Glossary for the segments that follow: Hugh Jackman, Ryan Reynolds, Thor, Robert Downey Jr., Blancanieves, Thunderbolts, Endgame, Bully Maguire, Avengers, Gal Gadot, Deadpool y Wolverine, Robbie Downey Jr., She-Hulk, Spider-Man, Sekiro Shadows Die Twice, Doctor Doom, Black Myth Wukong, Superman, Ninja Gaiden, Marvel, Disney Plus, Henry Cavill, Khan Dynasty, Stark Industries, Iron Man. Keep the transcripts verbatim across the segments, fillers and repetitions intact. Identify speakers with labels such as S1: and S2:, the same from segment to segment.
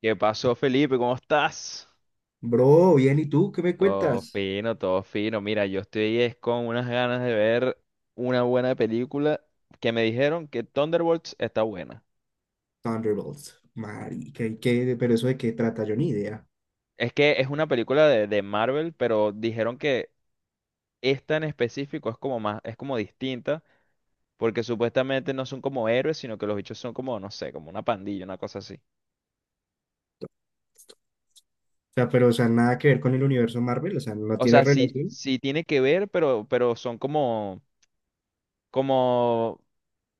S1: ¿Qué pasó, Felipe? ¿Cómo estás?
S2: Bro, bien, ¿y tú qué me
S1: Todo
S2: cuentas?
S1: fino, todo fino. Mira, yo estoy es con unas ganas de ver una buena película que me dijeron que Thunderbolts está buena.
S2: Thunderbolts, marica, ¿y qué? Pero eso de qué trata, yo ni idea.
S1: Es que es una película de, de Marvel, pero dijeron que esta en específico es como más, es como distinta, porque supuestamente no son como héroes, sino que los bichos son como, no sé, como una pandilla, una cosa así.
S2: O sea, pero, o sea, nada que ver con el universo Marvel, o sea, no
S1: O
S2: tiene
S1: sea, sí,
S2: relación.
S1: sí tiene que ver, pero, pero son como, como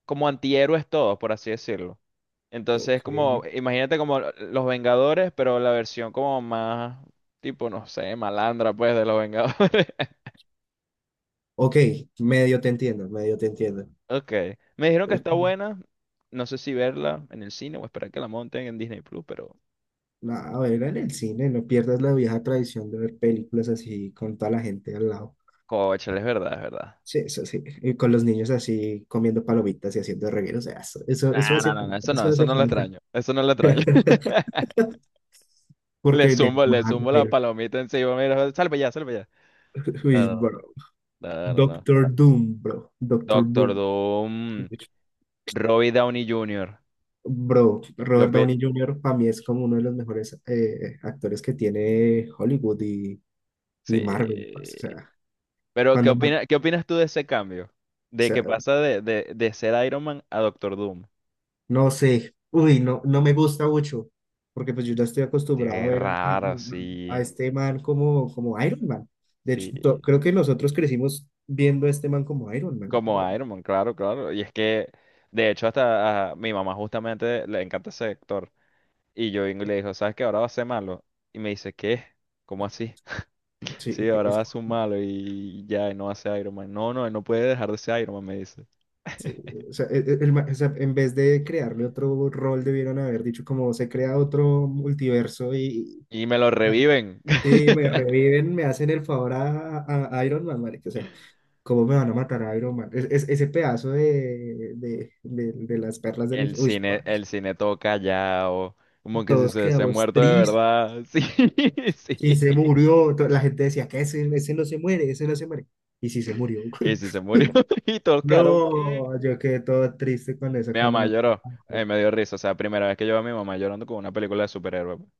S1: como antihéroes todos, por así decirlo.
S2: Ok,
S1: Entonces, como, imagínate como los Vengadores, pero la versión como más, tipo, no sé, malandra, pues, de los Vengadores.
S2: ok, medio te entiendo, medio te entiendo.
S1: Ok. Me dijeron que está buena. No sé si verla en el cine o esperar que la monten en Disney Plus, pero.
S2: Nada, a ver, en el cine, no pierdas la vieja tradición de ver películas así con toda la gente al lado.
S1: Cóchale, es verdad, es verdad.
S2: Sí, eso sí, y con los niños así comiendo palomitas y haciendo regueros, o sea, eso, eso, eso
S1: Ah,
S2: hace
S1: no, no, no,
S2: falta,
S1: eso no,
S2: eso
S1: eso
S2: hace
S1: no lo
S2: falta.
S1: extraño. Eso no lo extraño. Le
S2: Porque de
S1: zumbo, le zumbo la
S2: Marvel,
S1: palomita encima. Mira, salve ya, salve ya.
S2: uy,
S1: No,
S2: bro.
S1: no, no, no, no. No.
S2: Doctor Doom, bro. Doctor Bro.
S1: Doctor Doom, Robbie Downey junior
S2: Bro, Robert Downey junior para mí es como uno de los mejores eh, actores que tiene Hollywood y,
S1: Sí.
S2: y Marvel. Parce, o sea,
S1: Pero, ¿qué
S2: cuando más, o
S1: opina, ¿qué opinas tú de ese cambio? De
S2: sea,
S1: que pasa de, de, de ser Iron Man a Doctor Doom.
S2: no sé, uy, no, no me gusta mucho, porque pues yo ya estoy acostumbrado a
S1: Qué
S2: ver a, a-
S1: raro, sí.
S2: a este man como, como Iron Man. De hecho,
S1: Sí.
S2: to- creo que nosotros crecimos viendo a este man como Iron Man.
S1: Como Iron Man, claro, claro. Y es que, de hecho, hasta a mi mamá justamente le encanta ese actor. Y yo vengo y le digo, ¿sabes qué? Ahora va a ser malo. Y me dice, ¿qué? ¿Cómo así?
S2: Sí,
S1: Sí, ahora
S2: es
S1: va a ser un malo y ya, y no va a ser Iron Man. No, no, él no puede dejar de ser Iron Man, me dice.
S2: sí, o sea, e- e- el ma- o sea, en vez de crearle otro rol, debieron haber dicho como se crea otro multiverso y
S1: Y me lo reviven.
S2: y, sí, me reviven, me hacen el favor a, a- a Iron Man, marica. O sea, ¿cómo me van a matar a Iron Man? Es, es- ese pedazo de, de, de- de las perlas del
S1: El
S2: infierno. Uy,
S1: cine,
S2: parce,
S1: el cine todo callado, como que si
S2: todos
S1: se hubiese
S2: quedamos
S1: muerto de
S2: tristes.
S1: verdad. Sí,
S2: Y
S1: sí.
S2: se murió. to- La gente decía que ese, ese no se muere, ese no se muere. Y sí se murió.
S1: Y si se murió y tocaron, ¿qué?
S2: No, yo quedé todo triste con eso
S1: Mi
S2: cuando
S1: mamá
S2: me
S1: lloró, eh,
S2: acordé.
S1: me dio risa. O sea, primera vez que yo veo a mi mamá llorando con una película de superhéroes, pues.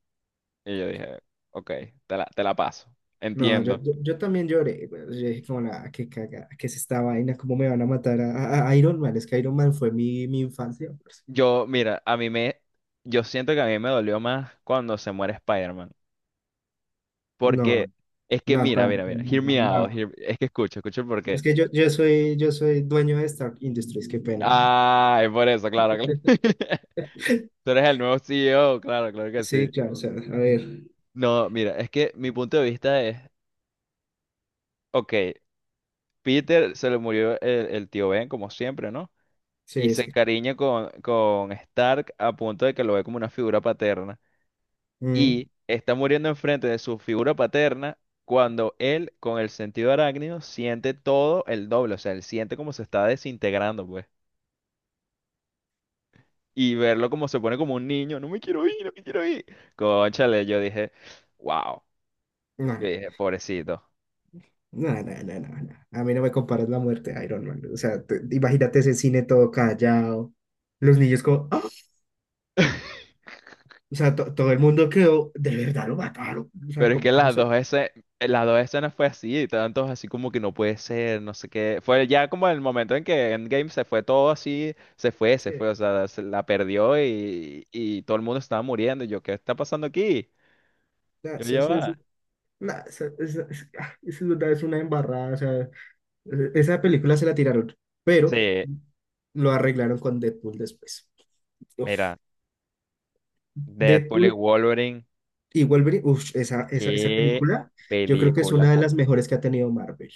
S1: Y yo dije, ok, te la, te la paso.
S2: No, yo,
S1: Entiendo.
S2: yo, yo también lloré, güey. Yo dije como la que caga, que es esta vaina, cómo me van a matar a, a- a Iron Man. Es que Iron Man fue mi, mi infancia. Pues.
S1: Yo, mira, a mí me, yo siento que a mí me dolió más cuando se muere Spider-Man.
S2: No,
S1: Porque es que,
S2: no,
S1: mira,
S2: tan-
S1: mira, mira,
S2: tan- no,
S1: hear
S2: no.
S1: me out,
S2: No.
S1: hear- es que escucho, escucho
S2: Es
S1: porque.
S2: que yo, yo soy, yo soy dueño de Stark Industries, qué pena.
S1: Ay, por eso, claro. Claro. Tú eres el nuevo C E O, claro, claro que sí.
S2: Sí, claro, o sea, a ver.
S1: No, mira, es que mi punto de vista es, ok, Peter se le murió el, el tío Ben, como siempre, ¿no? Y
S2: Sí,
S1: se
S2: sí.
S1: encariña con, con Stark a punto de que lo ve como una figura paterna.
S2: Mm,
S1: Y está muriendo enfrente de su figura paterna cuando él, con el sentido arácnido, siente todo el doble. O sea, él siente como se está desintegrando, pues. Y verlo como se pone como un niño, no me quiero ir, no me quiero ir. Cónchale, yo dije, wow.
S2: no,
S1: Yo dije, pobrecito.
S2: no, no, no, no, no. A mí no me comparas la muerte de Iron Man. O sea, te- imagínate ese cine todo callado. Los niños como, ¡ah! O sea, to- todo el mundo quedó, de verdad lo mataron. O sea,
S1: Pero es que
S2: como, como
S1: las
S2: se...
S1: dos escenas, las dos escenas fue así, y tantos así como que no puede ser, no sé qué. Fue ya como el momento en que Endgame se fue todo así, se fue, se
S2: sí.
S1: fue, o sea, se la perdió y, y todo el mundo estaba muriendo. Y yo, ¿qué está pasando aquí?
S2: Nah,
S1: Yo
S2: eso-
S1: ya
S2: eso- eso-
S1: va.
S2: nah, eso- eso- es- ah, eso es verdad, es una embarrada. O sea, e- esa película se la tiraron, pero
S1: Sí,
S2: lo arreglaron con Deadpool después. Uf,
S1: mira, Deadpool y
S2: Deadpool
S1: Wolverine,
S2: y Wolverine, uf, esa, esa, esa
S1: qué
S2: película yo creo que es una
S1: película,
S2: de las mejores que ha tenido Marvel.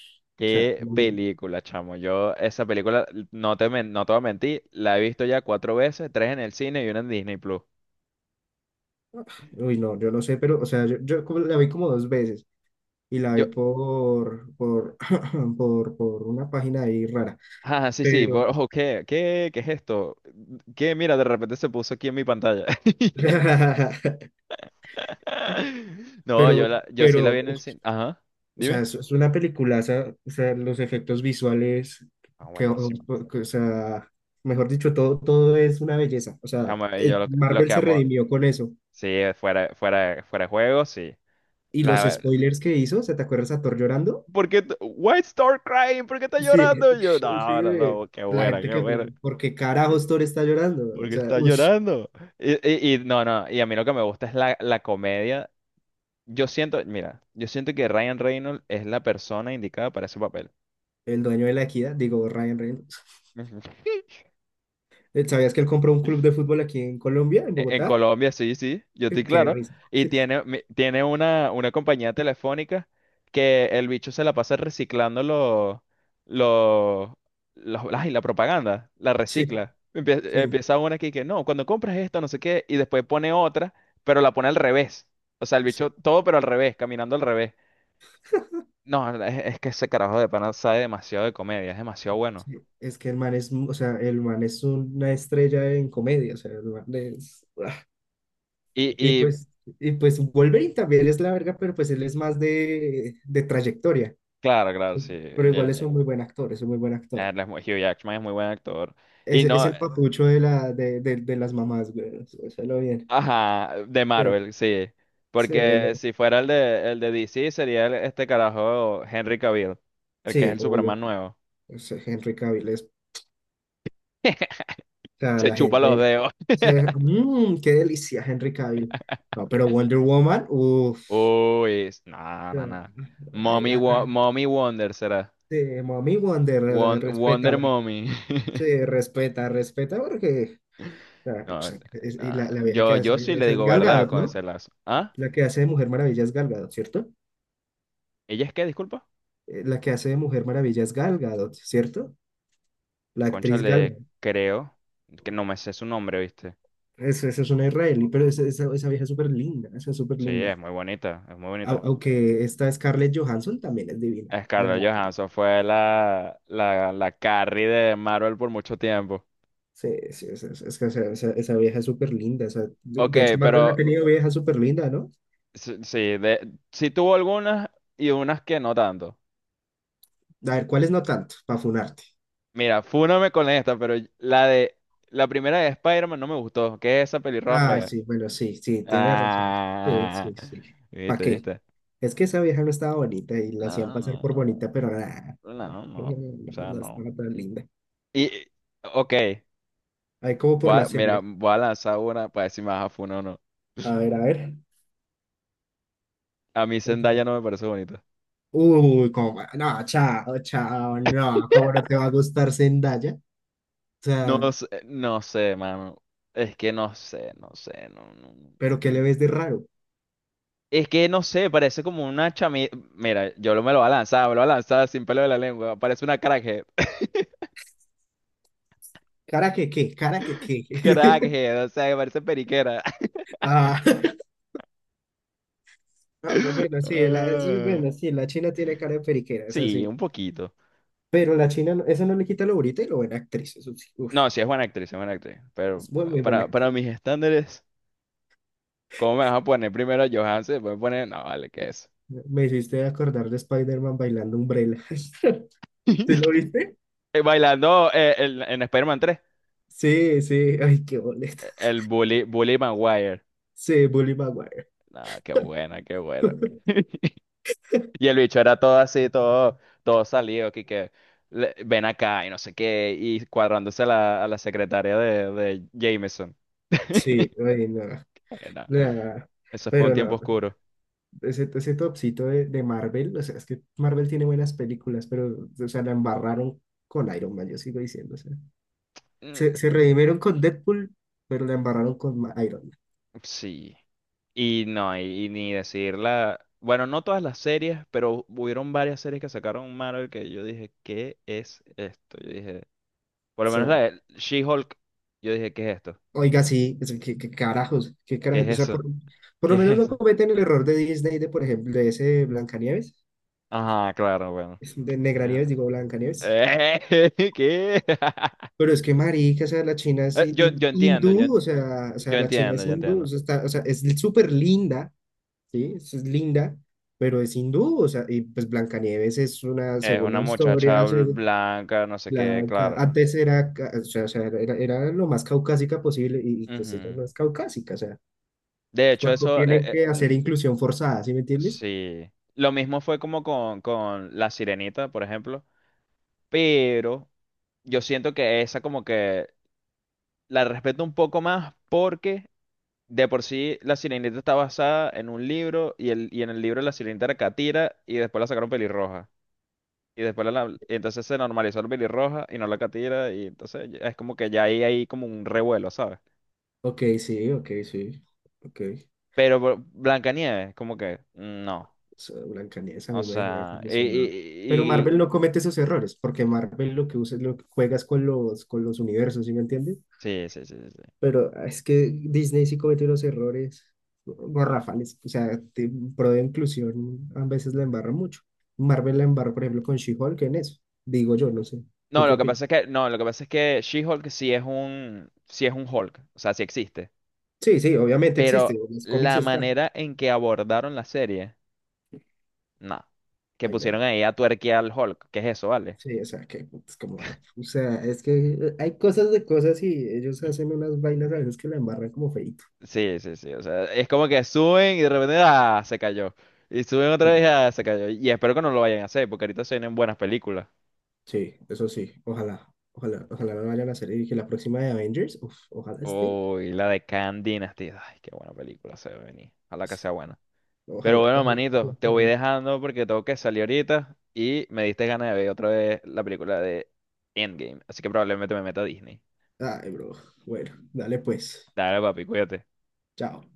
S2: O sea,
S1: qué
S2: muy bien.
S1: película, chamo. Yo esa película, no te, men- no te voy a mentir, la he visto ya cuatro veces, tres en el cine y una en Disney Plus.
S2: Uy, no, yo no sé, pero, o sea, yo, yo como la vi como dos veces y la
S1: Yo
S2: vi por, por, por, por una página ahí rara,
S1: Ah, sí, sí, por-
S2: pero,
S1: ojo, ¿qué? ¿Qué? ¿Qué es esto? ¿Qué? Mira, de repente se puso aquí en mi pantalla. No, yo
S2: pero,
S1: la, yo sí la
S2: pero,
S1: vi en el cine. Ajá,
S2: o sea,
S1: dime.
S2: es, es una peliculaza, o sea, los efectos visuales,
S1: Ah,
S2: que, o
S1: buenísimo.
S2: o sea, mejor dicho, todo, todo es una belleza. O sea,
S1: Chamo, eh,
S2: eh,
S1: yo lo, que- lo
S2: Marvel
S1: que
S2: se
S1: amo,
S2: redimió con eso.
S1: sí, eh, fuera, fuera, fuera de juego, sí.
S2: Y los
S1: La,
S2: spoilers que hizo, ¿se te acuerdas a Thor llorando?
S1: ¿por qué? t- Why start crying? ¿Por qué está
S2: Sí,
S1: llorando? Y yo,
S2: sí,
S1: no, no, no, qué
S2: la
S1: buena,
S2: gente
S1: qué
S2: que,
S1: buena.
S2: porque carajos Thor está llorando? O
S1: Porque
S2: sea,
S1: está
S2: ush,
S1: llorando. Y, y, y no, no, y a mí lo que me gusta es la, la comedia. Yo siento, mira, yo siento que Ryan Reynolds es la persona indicada para ese papel.
S2: el dueño de la equidad, digo, Ryan Reynolds.
S1: Ujú.
S2: Eh, ¿Sabías que él compró un club de fútbol aquí en Colombia, en
S1: E- En
S2: Bogotá?
S1: Colombia, sí, sí, yo estoy
S2: Qué
S1: claro.
S2: risa.
S1: Y
S2: Sí,
S1: tiene, mi- tiene una, una compañía telefónica que el bicho se la pasa reciclando los, los, los- ay, la propaganda, la recicla. Empie-
S2: sí.
S1: Empieza, una aquí que no, cuando compras esto, no sé qué, y después pone otra, pero la pone al revés. O sea, el
S2: Sí.
S1: bicho todo, pero al revés, caminando al revés. No, es, es que ese carajo de pana sabe demasiado de comedia, es demasiado bueno.
S2: Sí, es que el man es, mu- o sea, el man es una estrella en comedia, o sea, el man es, ¡buah!
S1: Y,
S2: Y
S1: y
S2: pues, y pues Wolverine también es la verga, pero pues él es más de, de trayectoria,
S1: claro, claro, sí,
S2: pero
S1: el,
S2: igual es
S1: el-
S2: un muy buen actor, es un muy buen actor.
S1: él es muy- Hugh Jackman es muy buen actor. Y
S2: Es, es
S1: no,
S2: el papucho de, la, de, de, de las mamás, güey, o sea, lo bien.
S1: ajá, de
S2: Sí,
S1: Marvel, sí.
S2: sí, él-
S1: Porque si fuera el de, el de D C, sería el- este carajo Henry Cavill, el que es
S2: sí,
S1: el Superman
S2: obvio,
S1: nuevo.
S2: es Henry Cavill es, o sea,
S1: Se
S2: la
S1: chupa los
S2: gente,
S1: dedos.
S2: o sea, "Mm, qué delicia Henry Cavill. No, pero Wonder Woman, uff,
S1: Uy, s- no, no, no. Mommy, Wo- Mommy Wonder será.
S2: sí, Mami Wonder, eh,
S1: Won- Wonder
S2: respétala.
S1: Mommy.
S2: Sí, respeta, respeta, porque ah, o
S1: No,
S2: sea, es- y
S1: no,
S2: la, la vieja que
S1: yo,
S2: hace
S1: yo sí le
S2: esa es
S1: digo
S2: Gal
S1: verdad
S2: Gadot,
S1: con ese
S2: ¿no?
S1: lazo. ¿Ah?
S2: La que hace de Mujer Maravilla es Gal Gadot, ¿cierto?
S1: ¿Ella es qué? Disculpa.
S2: Eh, La que hace de Mujer Maravilla es Gal Gadot, ¿cierto? La
S1: Concha,
S2: actriz Gal
S1: le
S2: Gadot.
S1: creo que no me sé su nombre, ¿viste?
S2: Esa es, esa es una israelí, pero esa, esa, esa vieja es súper linda, esa es súper
S1: Sí,
S2: linda.
S1: es muy bonita, es muy
S2: Au-
S1: bonita.
S2: aunque esta Scarlett Johansson también es divina. La,
S1: Scarlett
S2: la-
S1: Johansson fue la, la, la Carrie de Marvel por mucho tiempo.
S2: sí, sí, es, es- es que o sea, esa, esa vieja es súper linda. esa- de,
S1: Ok,
S2: de hecho, Marvel ha
S1: pero
S2: tenido vieja súper linda, ¿no?
S1: sí, sí, de, sí tuvo algunas y unas que no tanto.
S2: A ver, ¿cuáles no tanto? Para funarte.
S1: Mira, fúname con esta, pero la de la primera de Spider-Man no me gustó, que es esa pelirroja
S2: Ay,
S1: fea.
S2: sí, bueno, sí, sí, tienes razón. Sí,
S1: Ah,
S2: sí, sí. ¿Para
S1: viste,
S2: qué?
S1: viste.
S2: Es que esa vieja no estaba bonita y la hacían
S1: No,
S2: pasar
S1: no,
S2: por bonita, pero nada.
S1: no,
S2: No,
S1: no, o
S2: no,
S1: sea,
S2: no
S1: no.
S2: estaba tan linda.
S1: Y, ok,
S2: Ahí como por
S1: voy
S2: la
S1: a- mira,
S2: serie.
S1: voy a lanzar una para decir más a funo o no.
S2: A ver, a ver.
S1: A mí
S2: Lánzala.
S1: Zendaya no me parece bonita.
S2: Uy, como. No, chao, chao, no. ¿Cómo no te va a gustar Zendaya? O sea,
S1: No sé, no sé, mano. Es que no sé, no sé, no, no, no.
S2: ¿pero
S1: Mm.
S2: qué le
S1: Mm.
S2: ves de raro?
S1: Es que no sé, parece como una chami... Mira, yo lo- me lo voy a lanzar, me lo voy a lanzar sin pelo de la lengua. Parece una crackhead.
S2: ¿Cara que qué? ¿Cara que qué?
S1: Crackhead, o sea, que parece periquera.
S2: Ah, ah, pues bueno, sí, la, es-
S1: Ah,
S2: bueno, sí, la China tiene cara de periquera, eso
S1: sí,
S2: sí.
S1: un poquito.
S2: Pero la China, no- eso no le quita lo bonita y lo buena actriz, eso sí.
S1: No, sí es buena actriz, es buena actriz. Pero
S2: Es muy, muy buena
S1: para, para
S2: actriz.
S1: mis estándares, ¿cómo me vas a poner primero a Johansson? Después me pones, no, vale, ¿qué es?
S2: Me hiciste acordar de Spider-Man bailando Umbrella. ¿Sí lo viste?
S1: Bailando eh, en, en Spider-Man tres.
S2: Sí, sí. Ay, qué boleta.
S1: El Bully, Bully Maguire.
S2: Sí, Bully Maguire.
S1: No, qué buena, qué buena. Y el bicho era todo así, todo, todo salido, que, que le- ven acá y no sé qué, y cuadrándose a la, a la secretaria de, de Jameson.
S2: Sí, ay, no,
S1: Era-
S2: nada.
S1: Eso fue un
S2: Pero
S1: tiempo
S2: no,
S1: oscuro.
S2: ese, ese topcito de, de Marvel, o sea, es que Marvel tiene buenas películas, pero, o sea, la embarraron con Iron Man, yo sigo diciendo, o sea, se,
S1: Mm.
S2: se redimieron con Deadpool, pero la embarraron con Ma- Iron Man.
S1: Sí. Y no, y, y ni decirla. Bueno, no todas las series, pero hubieron varias series que sacaron Marvel que yo dije, ¿qué es esto? Yo dije, por lo menos la de She-Hulk, yo dije, ¿qué es esto?
S2: Oiga, sí, es- qué, qué carajos, qué
S1: ¿Qué
S2: carajos.
S1: es
S2: O sea,
S1: eso?
S2: por, por
S1: ¿Qué
S2: lo
S1: es
S2: menos no
S1: eso?
S2: cometen el error de Disney, de por ejemplo, de ese Blancanieves,
S1: Ajá, claro, bueno.
S2: es de Negranieves, digo Blancanieves.
S1: Eh, ¿qué?
S2: Pero es que marica, o sea, la China es
S1: Eh,
S2: hin-
S1: Yo, yo
S2: hin-
S1: entiendo, yo,
S2: hindú, o sea, o
S1: yo
S2: sea, la China
S1: entiendo,
S2: es
S1: yo
S2: hindú, o
S1: entiendo.
S2: sea, está- o sea, es súper linda, ¿sí? Es, es linda, pero es hindú, o sea, y pues Blancanieves es una,
S1: Es
S2: según la
S1: una muchacha
S2: historia,
S1: bl-
S2: se-
S1: blanca, no sé qué,
S2: la, ca-
S1: claro.
S2: antes era, ca- o sea, o sea, era, era lo más caucásica posible, y y, pues ella
S1: Ujú.
S2: no es caucásica,
S1: De hecho,
S2: porque
S1: eso, eh,
S2: tienen
S1: eh,
S2: que
S1: l-
S2: hacer inclusión forzada, ¿sí me entiendes?
S1: sí. Lo mismo fue como con, con La Sirenita, por ejemplo. Pero yo siento que esa como que la respeto un poco más porque de por sí, La Sirenita está basada en un libro y, el, y en el libro La Sirenita era catira y después la sacaron pelirroja. Y después la, la- y entonces se normalizó el pelirroja y no la catira y entonces ya- es como que ya ahí hay como un revuelo, ¿sabes?
S2: Ok, sí, ok, sí. Ok.
S1: Pero Bl- Blancanieves, como que mm, no.
S2: Esa Blancanieves a
S1: O
S2: mí me dejó
S1: sea, y,
S2: desilusionado. Pero
S1: y-
S2: Marvel
S1: y-
S2: no comete esos errores, porque Marvel lo que usa es lo que juegas con los, con los universos, ¿sí me entiendes?
S1: sí, sí, sí, sí, sí.
S2: Pero ah, es que Disney sí comete unos errores garrafales, o sea, te- pro de inclusión a veces la embarra mucho. Marvel la embarra, por ejemplo, con She-Hulk en eso, digo yo, no sé. ¿Tú
S1: No,
S2: qué
S1: lo que
S2: opinas?
S1: pasa es que no, lo que pasa es que She-Hulk sí es un sí es un Hulk, o sea, sí existe,
S2: Sí, sí, obviamente existe,
S1: pero
S2: en los cómics
S1: la
S2: está.
S1: manera en que abordaron la serie no. Que
S2: Ahí
S1: pusieron ahí a tuerquear al Hulk. ¿Qué es eso, vale?
S2: sí, o sea, que es como, bueno, o sea, es que hay cosas de cosas y ellos hacen unas vainas a veces que la embarran como feíto.
S1: Sí, sí, sí. O sea, es como que suben y de repente, ah, se cayó. Y suben
S2: Sí,
S1: otra vez, ah, se cayó. Y espero que no lo vayan a hacer, porque ahorita se vienen buenas películas.
S2: sí, eso sí, ojalá, ojalá, ojalá no vayan a hacer y que la próxima de Avengers, uf, ojalá esté,
S1: Uy, la de Khan Dynasty. Ay, qué buena película se ve venir. Ojalá que sea buena. Pero
S2: ojalá.
S1: bueno,
S2: Ojalá,
S1: manito, te voy
S2: ojalá.
S1: dejando porque tengo que salir ahorita y me diste ganas de ver otra vez la película de Endgame. Así que probablemente me meta a Disney.
S2: Ay, bro, bueno, dale pues,
S1: Dale, papi, cuídate.
S2: chao.